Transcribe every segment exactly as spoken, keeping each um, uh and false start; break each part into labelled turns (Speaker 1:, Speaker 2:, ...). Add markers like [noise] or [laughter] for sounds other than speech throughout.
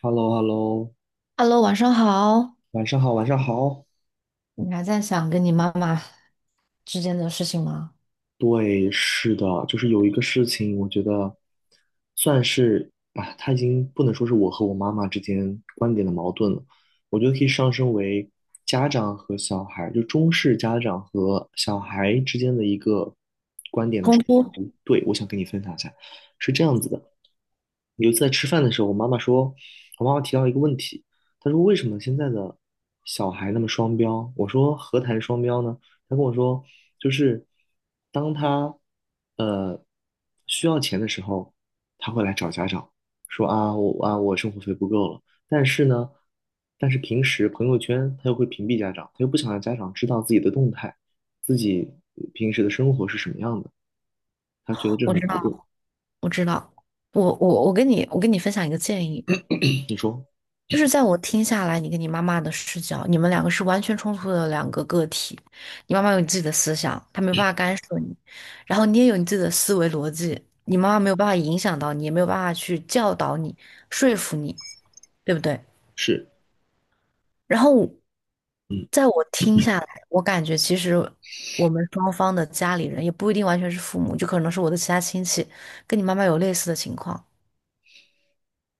Speaker 1: h e l l o h e l l o
Speaker 2: Hello，晚上好。
Speaker 1: 晚上好，晚上好。
Speaker 2: 你还在想跟你妈妈之间的事情吗？
Speaker 1: 对，是的，就是有一个事情，我觉得算是啊，它已经不能说是我和我妈妈之间观点的矛盾了，我觉得可以上升为家长和小孩，就中式家长和小孩之间的一个观点的
Speaker 2: 冲
Speaker 1: 冲
Speaker 2: 突，
Speaker 1: 突。对，我想跟你分享一下，是这样子的，有一次在吃饭的时候，我妈妈说，我妈妈提到一个问题，她说为什么现在的小孩那么双标？我说何谈双标呢？他跟我说，就是当他呃需要钱的时候，他会来找家长说啊，我啊我生活费不够了。但是呢，但是平时朋友圈他又会屏蔽家长，他又不想让家长知道自己的动态，自己平时的生活是什么样的，他觉得这
Speaker 2: 我
Speaker 1: 很
Speaker 2: 知
Speaker 1: 矛盾。
Speaker 2: 道，我知道。我我我跟你我跟你分享一个建议，
Speaker 1: 你说
Speaker 2: 就是在我听下来，你跟你妈妈的视角，你们两个是完全冲突的两个个体。你妈妈有你自己的思想，她没有办法干涉你，然后你也有你自己的思维逻辑，你妈妈没有办法影响到你，也没有办法去教导你、说服你，对不对？
Speaker 1: 是？
Speaker 2: 然后，
Speaker 1: 嗯。
Speaker 2: 在我听下来，我感觉其实我们双方的家里人也不一定完全是父母，就可能是我的其他亲戚，跟你妈妈有类似的情况。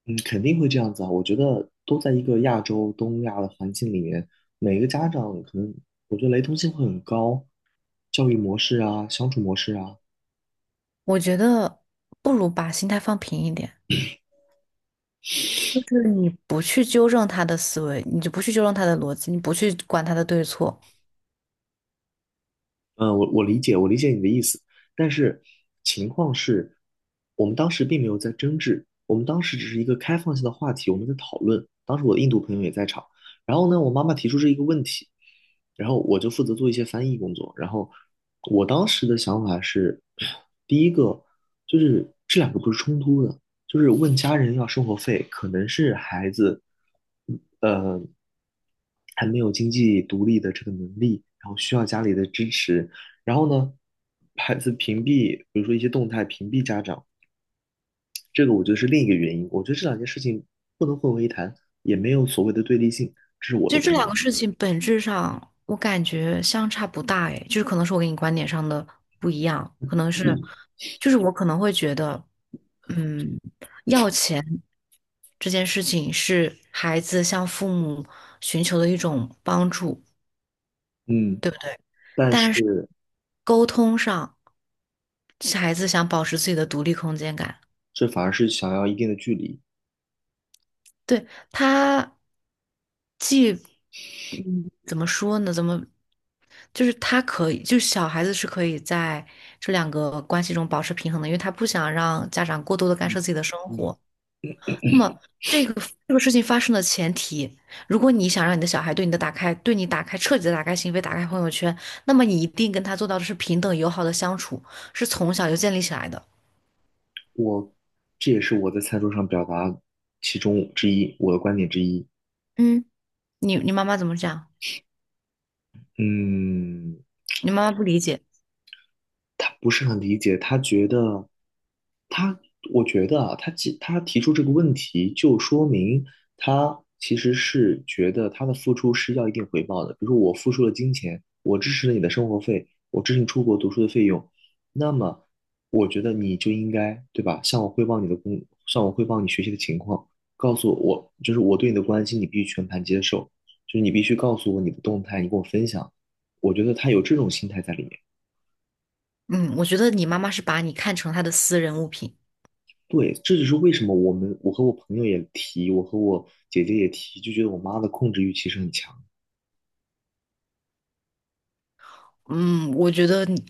Speaker 1: 嗯，肯定会这样子啊！我觉得都在一个亚洲、东亚的环境里面，每个家长可能，我觉得雷同性会很高，教育模式啊、相处模式啊，
Speaker 2: 我觉得不如把心态放平一点，就是你不去纠正他的思维，你就不去纠正他的逻辑，你不去管他的对错，
Speaker 1: 嗯，我我理解，我理解你的意思，但是情况是，我们当时并没有在争执，我们当时只是一个开放性的话题，我们在讨论。当时我的印度朋友也在场，然后呢，我妈妈提出这一个问题，然后我就负责做一些翻译工作。然后我当时的想法是，[sniffs] [sucks teeth] 第一个就是这两个不是冲突的，就是问家人要生活费，可能是孩子，嗯呃，还没有经济独立的这个能力，然后需要家里的支持。然后呢，孩子屏蔽，比如说一些动态屏蔽家长，这个我觉得是另一个原因。我觉得这两件事情不能混为一谈，也没有所谓的对立性，这是我
Speaker 2: 其
Speaker 1: 的
Speaker 2: 实这
Speaker 1: 观点。
Speaker 2: 两个事情本质上，我感觉相差不大，诶，就是可能是我跟你观点上的不一样，可能是，
Speaker 1: 嗯
Speaker 2: 就是我可能会觉得，嗯，要钱这件事情是孩子向父母寻求的一种帮助，
Speaker 1: 嗯，
Speaker 2: 对不对？
Speaker 1: 但是
Speaker 2: 但是沟通上，孩子想保持自己的独立空间感。
Speaker 1: 这反而是想要一定的距离。
Speaker 2: 对，他，既嗯怎么说呢？怎么就是他可以，就是小孩子是可以在这两个关系中保持平衡的，因为他不想让家长过多的干
Speaker 1: 嗯
Speaker 2: 涉自己的生
Speaker 1: 嗯，
Speaker 2: 活。那么这个这个事情发生的前提，如果你想让你的小孩对你的打开，对你打开彻底的打开心扉，打开朋友圈，那么你一定跟他做到的是平等友好的相处，是从小就建立起来的。
Speaker 1: 我这也是我在餐桌上表达其中之一，我的观点之一。
Speaker 2: 嗯，你你妈妈怎么讲？
Speaker 1: 嗯，
Speaker 2: 你妈妈不理解。
Speaker 1: 他不是很理解，他觉得，他，我觉得啊，他提他提出这个问题，就说明他其实是觉得他的付出是要一定回报的。比如说，我付出了金钱，我支持了你的生活费，我支持你出国读书的费用，那么我觉得你就应该，对吧？向我汇报你的工，向我汇报你学习的情况，告诉我，就是我对你的关心，你必须全盘接受，就是你必须告诉我你的动态，你跟我分享。我觉得他有这种心态在里面。
Speaker 2: 嗯，我觉得你妈妈是把你看成她的私人物品。
Speaker 1: 对，这就是为什么我们我和我朋友也提，我和我姐姐也提，就觉得我妈的控制欲其实很强。
Speaker 2: 嗯，我觉得你，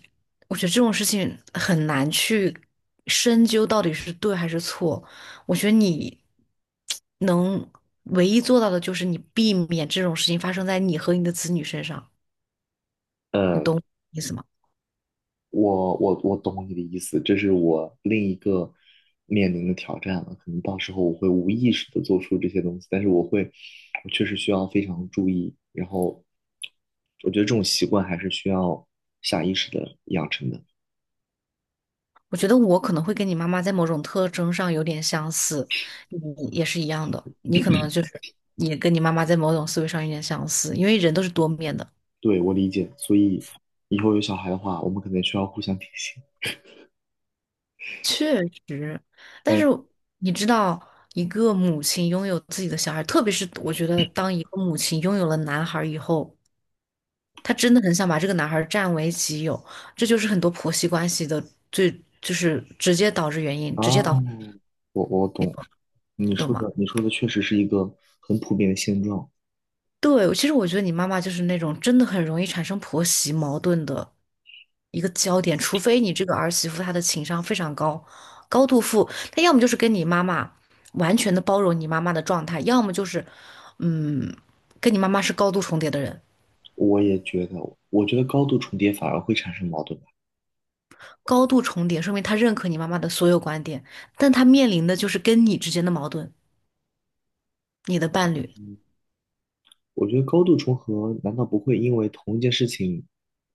Speaker 2: 我觉得这种事情很难去深究到底是对还是错。我觉得你能唯一做到的就是你避免这种事情发生在你和你的子女身上，你
Speaker 1: 呃，
Speaker 2: 懂我意思吗？
Speaker 1: 我我我懂你的意思，这是我另一个面临的挑战了。可能到时候我会无意识的做出这些东西，但是我会，我确实需要非常注意。然后，我觉得这种习惯还是需要下意识的养成的。
Speaker 2: 我觉得我可能会跟你妈妈在某种特征上有点相似，你也是一样的，你可能就是也跟你妈妈在某种思维上有点相似，因为人都是多面的。
Speaker 1: 对，我理解。所以以后有小孩的话，我们可能需要互相提醒。
Speaker 2: 确实，但
Speaker 1: 嗯
Speaker 2: 是你知道，一个母亲拥有自己的小孩，特别是我觉得，当一个母亲拥有了男孩以后，她真的很想把这个男孩占为己有，这就是很多婆媳关系的最，就是直接导致原因，直接导，
Speaker 1: 啊，我我懂。你
Speaker 2: 你懂
Speaker 1: 说
Speaker 2: 吗？
Speaker 1: 的，你说的确实是一个很普遍的现状。
Speaker 2: 对，其实我觉得你妈妈就是那种真的很容易产生婆媳矛盾的一个焦点，除非你这个儿媳妇她的情商非常高，高度富，她要么就是跟你妈妈完全的包容你妈妈的状态，要么就是，嗯，跟你妈妈是高度重叠的人。
Speaker 1: 我也觉得，我觉得高度重叠反而会产生矛盾吧。
Speaker 2: 高度重叠说明她认可你妈妈的所有观点，但她面临的就是跟你之间的矛盾，你的伴侣。
Speaker 1: 嗯，我觉得高度重合难道不会因为同一件事情，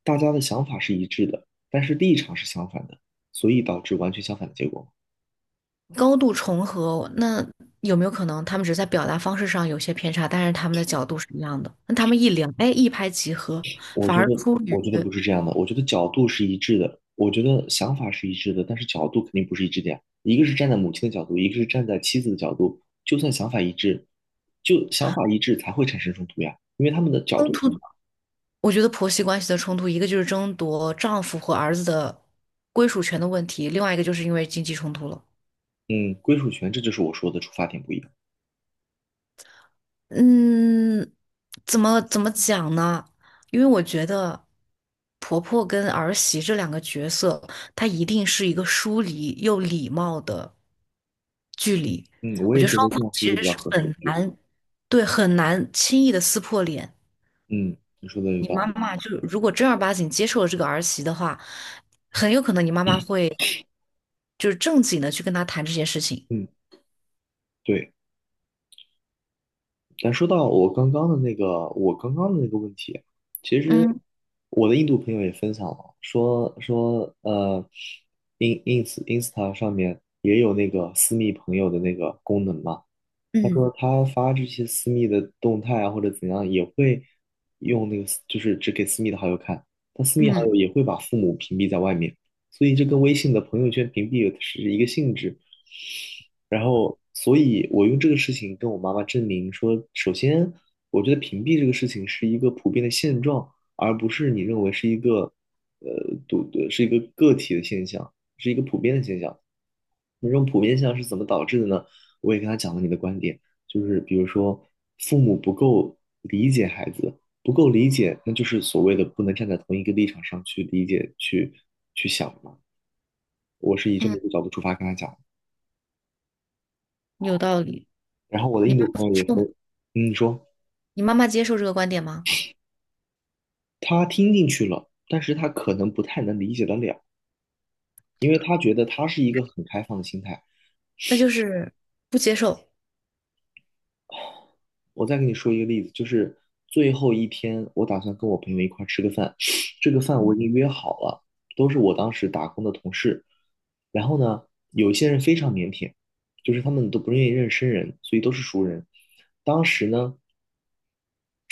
Speaker 1: 大家的想法是一致的，但是立场是相反的，所以导致完全相反的结果吗？
Speaker 2: 高度重合，那有没有可能他们只是在表达方式上有些偏差，但是他们的角度是一样的？那他们一聊，哎，一拍即合，
Speaker 1: 我
Speaker 2: 反
Speaker 1: 觉
Speaker 2: 而
Speaker 1: 得，
Speaker 2: 出
Speaker 1: 我
Speaker 2: 于
Speaker 1: 觉得不是这样的。我觉得角度是一致的，我觉得想法是一致的，但是角度肯定不是一致的呀。一个是站在母亲的角度，一个是站在妻子的角度。就算想法一致，就想法一致才会产生冲突呀，因为他们的角
Speaker 2: 冲
Speaker 1: 度不一样。
Speaker 2: 突。我觉得婆媳关系的冲突，一个就是争夺丈夫和儿子的归属权的问题，另外一个就是因为经济冲突了。
Speaker 1: 嗯，归属权，这就是我说的出发点不一样。
Speaker 2: 嗯，怎么怎么讲呢？因为我觉得婆婆跟儿媳这两个角色，她一定是一个疏离又礼貌的力。
Speaker 1: 嗯，我
Speaker 2: 我
Speaker 1: 也
Speaker 2: 觉得
Speaker 1: 觉
Speaker 2: 双
Speaker 1: 得
Speaker 2: 方
Speaker 1: 这样是一
Speaker 2: 其
Speaker 1: 个
Speaker 2: 实
Speaker 1: 比较
Speaker 2: 是
Speaker 1: 合适的
Speaker 2: 很
Speaker 1: 距离。
Speaker 2: 难，对，很难轻易的撕破脸。
Speaker 1: 嗯，你说的有
Speaker 2: 你
Speaker 1: 道
Speaker 2: 妈妈就如果正儿八经接受了这个儿媳的话，很有可能你妈妈
Speaker 1: 理。
Speaker 2: 会就是正经的去跟她谈这件事情。
Speaker 1: 嗯，对。咱说到我刚刚的那个，我刚刚的那个问题，其实
Speaker 2: 嗯
Speaker 1: 我的印度朋友也分享了，说说呃，in ins Insta 上面也有那个私密朋友的那个功能嘛，他
Speaker 2: 嗯
Speaker 1: 说他发这些私密的动态啊，或者怎样，也会用那个私，就是只给私密的好友看。他私密好
Speaker 2: 嗯
Speaker 1: 友也会把父母屏蔽在外面，所以这跟微信的朋友圈屏蔽是一个性质。然后，所以我用这个事情跟我妈妈证明说，首先，我觉得屏蔽这个事情是一个普遍的现状，而不是你认为是一个呃独呃是一个个体的现象，是一个普遍的现象。那这种普遍现象是怎么导致的呢？我也跟他讲了你的观点，就是比如说父母不够理解孩子，不够理解，那就是所谓的不能站在同一个立场上去理解、去去想嘛。我是以这么
Speaker 2: 嗯，
Speaker 1: 一个角度出发跟他讲，
Speaker 2: 有道理。
Speaker 1: 然后我的
Speaker 2: 你
Speaker 1: 印
Speaker 2: 不
Speaker 1: 度
Speaker 2: 妈
Speaker 1: 朋友
Speaker 2: 接
Speaker 1: 也
Speaker 2: 受吗？
Speaker 1: 分，嗯，说
Speaker 2: 你妈妈接受这个观点吗？
Speaker 1: 他听进去了，但是他可能不太能理解得了，因为他觉得他是一个很开放的心态，
Speaker 2: 那就是不接受。
Speaker 1: 我再给你说一个例子，就是最后一天，我打算跟我朋友一块儿吃个饭，[sniffs] 这个饭我已经约好了，都是我当时打工的同事。然后呢，有一些人非常腼腆，就是他们都不愿意认识生人，所以都是熟人。当时呢，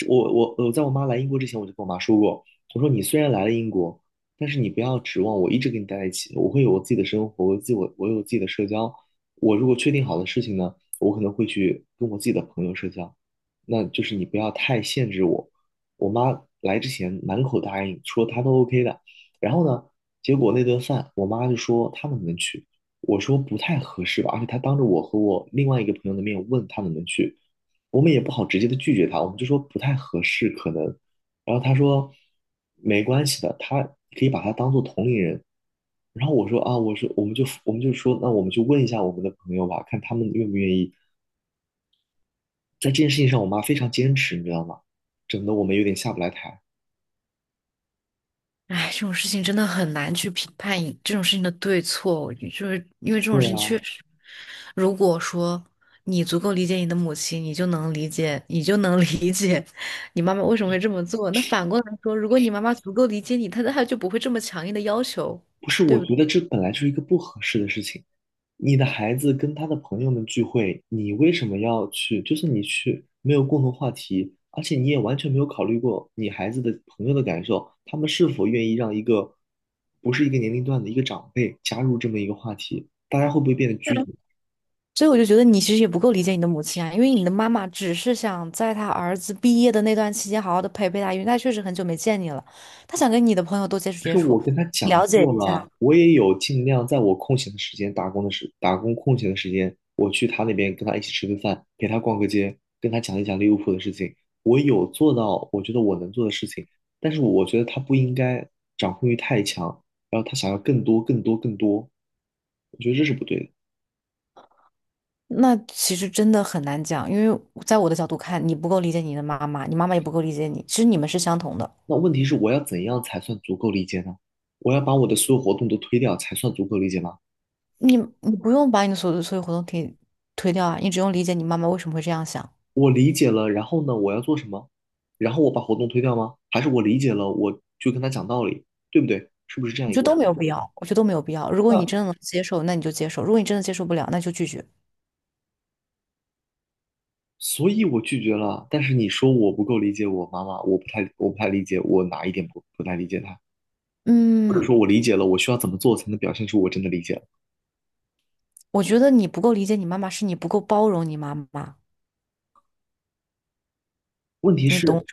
Speaker 1: 我我我在我妈来英国之前，我就跟我妈说过，我说你虽然来了英国，但是你不要指望我一直跟你待在一起，我会有我自己的生活，我有自己我我有自己的社交。我如果确定好的事情呢，我可能会去跟我自己的朋友社交，那就是你不要太限制我。我妈来之前满口答应说她都 OK 的，然后呢，结果那顿饭我妈就说她能不能去，我说不太合适吧，而且她当着我和我另外一个朋友的面问她能不能去。我们也不好直接的拒绝他，我们就说不太合适，可能。然后他说没关系的，他可以把他当做同龄人。然后我说啊，我说我们就我们就说，那我们就问一下我们的朋友吧，看他们愿不愿意。在这件事情上，我妈非常坚持，你知道吗？整得我们有点下不来台。
Speaker 2: 哎，这种事情真的很难去评判一这种事情的对错，就是因为这种
Speaker 1: 对
Speaker 2: 事情
Speaker 1: 啊。
Speaker 2: 确实，如果说你足够理解你的母亲，你就能理解，你就能 [laughs] 理解你妈妈为什么会这么做。那反过来说，如果你妈妈足够理解你，她她就不会这么强硬的要求，
Speaker 1: 不是，
Speaker 2: 对
Speaker 1: 我
Speaker 2: 不
Speaker 1: 觉
Speaker 2: 对？
Speaker 1: 得这本来就是一个不合适的事情。你的孩子跟他的朋友们聚会，你为什么要去？就是你去没有共同话题，而且你也完全没有考虑过你孩子的朋友的感受，他们是否愿意让一个不是一个年龄段的一个长辈加入这么一个话题，大家会不会变得拘
Speaker 2: 对，
Speaker 1: 谨？
Speaker 2: 所以我就觉得你其实也不够理解你的母亲啊，因为你的妈妈只是想在她儿子毕业的那段期间好好的陪陪他，因为她确实很久没见你了，她想跟你的朋友多接触
Speaker 1: 可
Speaker 2: 接
Speaker 1: 是
Speaker 2: 触，
Speaker 1: 我跟他讲
Speaker 2: 了解
Speaker 1: 过
Speaker 2: 一下。
Speaker 1: 了，我也有尽量在我空闲的时间、打工的时、打工空闲的时间，我去他那边跟他一起吃个饭，陪他逛个街，跟他讲一讲利物浦的事情。我有做到，我觉得我能做的事情，但是我觉得他不应该掌控欲太强，然后他想要更多、更多、更多，我觉得这是不对的。
Speaker 2: 那其实真的很难讲，因为在我的角度看，你不够理解你的妈妈，你妈妈也不够理解你，其实你们是相同的，
Speaker 1: 那问题是，我要怎样才算足够理解呢？我要把我的所有活动都推掉才算足够理解吗？
Speaker 2: 你你不用把你的所有所有活动可以推掉啊，你只用理解你妈妈为什么会这样想，
Speaker 1: 我理解了，然后呢，我要做什么？然后我把活动推掉吗？还是我理解了，我就跟他讲道理，对不对？是不是这样
Speaker 2: 我
Speaker 1: 一
Speaker 2: 觉得
Speaker 1: 个问
Speaker 2: 都没
Speaker 1: 题？
Speaker 2: 有必要，我觉得都没有必要。如果你
Speaker 1: 嗯，
Speaker 2: 真的能接受，那你就接受；如果你真的接受不了，那就拒绝。
Speaker 1: 所以我拒绝了，但是你说我不够理解我妈妈，我不太我不太理解我哪一点不不太理解她，或者
Speaker 2: 嗯，
Speaker 1: 说我理解了，我需要怎么做才能表现出我真的理解了？
Speaker 2: 我觉得你不够理解你妈妈，是你不够包容你妈妈，
Speaker 1: 问题
Speaker 2: 你懂？
Speaker 1: 是，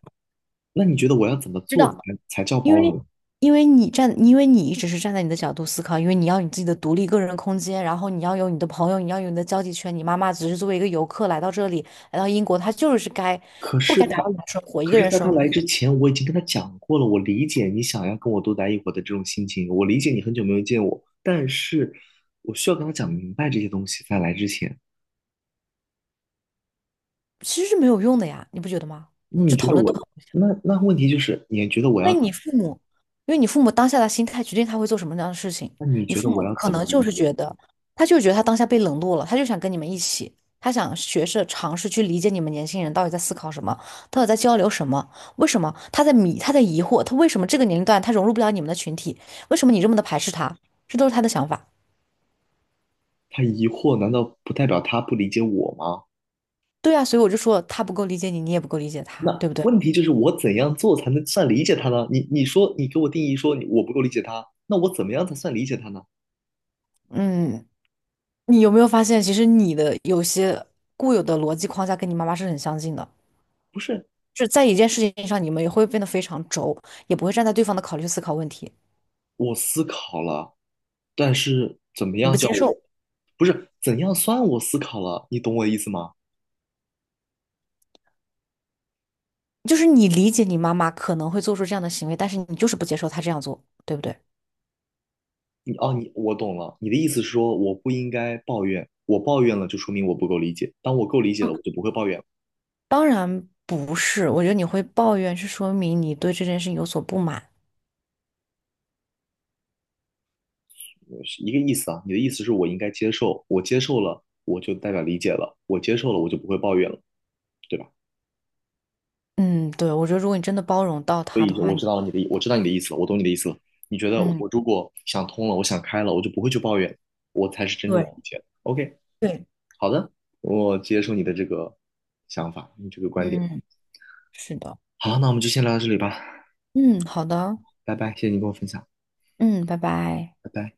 Speaker 1: 那你觉得我要怎么
Speaker 2: 知
Speaker 1: 做才
Speaker 2: 道，
Speaker 1: 才叫
Speaker 2: 因
Speaker 1: 包
Speaker 2: 为
Speaker 1: 容？
Speaker 2: 因为你站，因为你一直是站在你的角度思考，因为你要有你自己的独立个人空间，然后你要有你的朋友，你要有你的交际圈。你妈妈只是作为一个游客来到这里，来到英国，她就是该
Speaker 1: 可
Speaker 2: 不
Speaker 1: 是
Speaker 2: 该打
Speaker 1: 他，
Speaker 2: 扰你的生活，一
Speaker 1: 可
Speaker 2: 个
Speaker 1: 是
Speaker 2: 人
Speaker 1: 在他
Speaker 2: 生
Speaker 1: 来
Speaker 2: 活，
Speaker 1: 之前，我已经跟他讲过了。我理解你想要跟我多待一会儿的这种心情，我理解你很久没有见我，但是我需要跟他讲明白这些东西，在来之前。
Speaker 2: 其实是没有用的呀，你不觉得吗？
Speaker 1: 那你
Speaker 2: 这
Speaker 1: 觉
Speaker 2: 讨
Speaker 1: 得
Speaker 2: 论都
Speaker 1: 我，
Speaker 2: 很。
Speaker 1: 那那问题就是，你觉得我要
Speaker 2: 因为
Speaker 1: 怎
Speaker 2: 你父母，因为你父母当下的心态决定他会做什么样的事情。
Speaker 1: 么那你
Speaker 2: 你
Speaker 1: 觉得
Speaker 2: 父
Speaker 1: 我
Speaker 2: 母
Speaker 1: 要
Speaker 2: 可
Speaker 1: 怎么
Speaker 2: 能
Speaker 1: 理
Speaker 2: 就是
Speaker 1: 解？
Speaker 2: 觉得，他就觉得他当下被冷落了，他就想跟你们一起，他想学着尝试去理解你们年轻人到底在思考什么，到底在交流什么，为什么他在迷，他在疑惑，他为什么这个年龄段他融入不了你们的群体，为什么你这么的排斥他，这都是他的想法。
Speaker 1: 他疑惑，难道不代表他不理解我吗？
Speaker 2: 对啊，所以我就说他不够理解你，你也不够理解他，
Speaker 1: 那
Speaker 2: 对不对？
Speaker 1: 问题就是，我怎样做才能算理解他呢？你你说，你给我定义说你我不够理解他，那我怎么样才算理解他呢？
Speaker 2: 嗯，你有没有发现，其实你的有些固有的逻辑框架跟你妈妈是很相近的？
Speaker 1: 不是，
Speaker 2: 是在一件事情上，你们也会变得非常轴，也不会站在对方的考虑思考问题，
Speaker 1: 我思考了。但是怎么
Speaker 2: 你
Speaker 1: 样
Speaker 2: 不
Speaker 1: 叫
Speaker 2: 接
Speaker 1: 我，
Speaker 2: 受，
Speaker 1: 不是怎样算我思考了，你懂我的意思吗？
Speaker 2: 就是你理解你妈妈可能会做出这样的行为，但是你就是不接受她这样做，对不对？
Speaker 1: 你哦，你我懂了，你的意思是说我不应该抱怨，我抱怨了就说明我不够理解，当我够理解了，
Speaker 2: 嗯，
Speaker 1: 我就不会抱怨了
Speaker 2: 当然不是，我觉得你会抱怨是说明你对这件事情有所不满。
Speaker 1: 是一个意思啊。你的意思是我应该接受，我接受了，我就代表理解了，我接受了，我就不会抱怨了，对吧？
Speaker 2: 嗯，对，我觉得如果你真的包容到
Speaker 1: 所
Speaker 2: 他的
Speaker 1: 以
Speaker 2: 话，
Speaker 1: 我
Speaker 2: 你
Speaker 1: 知道你的，我知道你的意思了，我懂你的意思了。你觉得
Speaker 2: 嗯，
Speaker 1: 我如果想通了，我想开了，我就不会去抱怨，我才是真正的
Speaker 2: 对
Speaker 1: 理解。OK。
Speaker 2: 对，
Speaker 1: 好的，我接受你的这个想法，你这个观点。
Speaker 2: 嗯，是的，
Speaker 1: 好，那我们就先聊到这里吧，
Speaker 2: 嗯，好的，
Speaker 1: 拜拜，谢谢你跟我分享，
Speaker 2: 嗯，拜拜。
Speaker 1: 拜拜。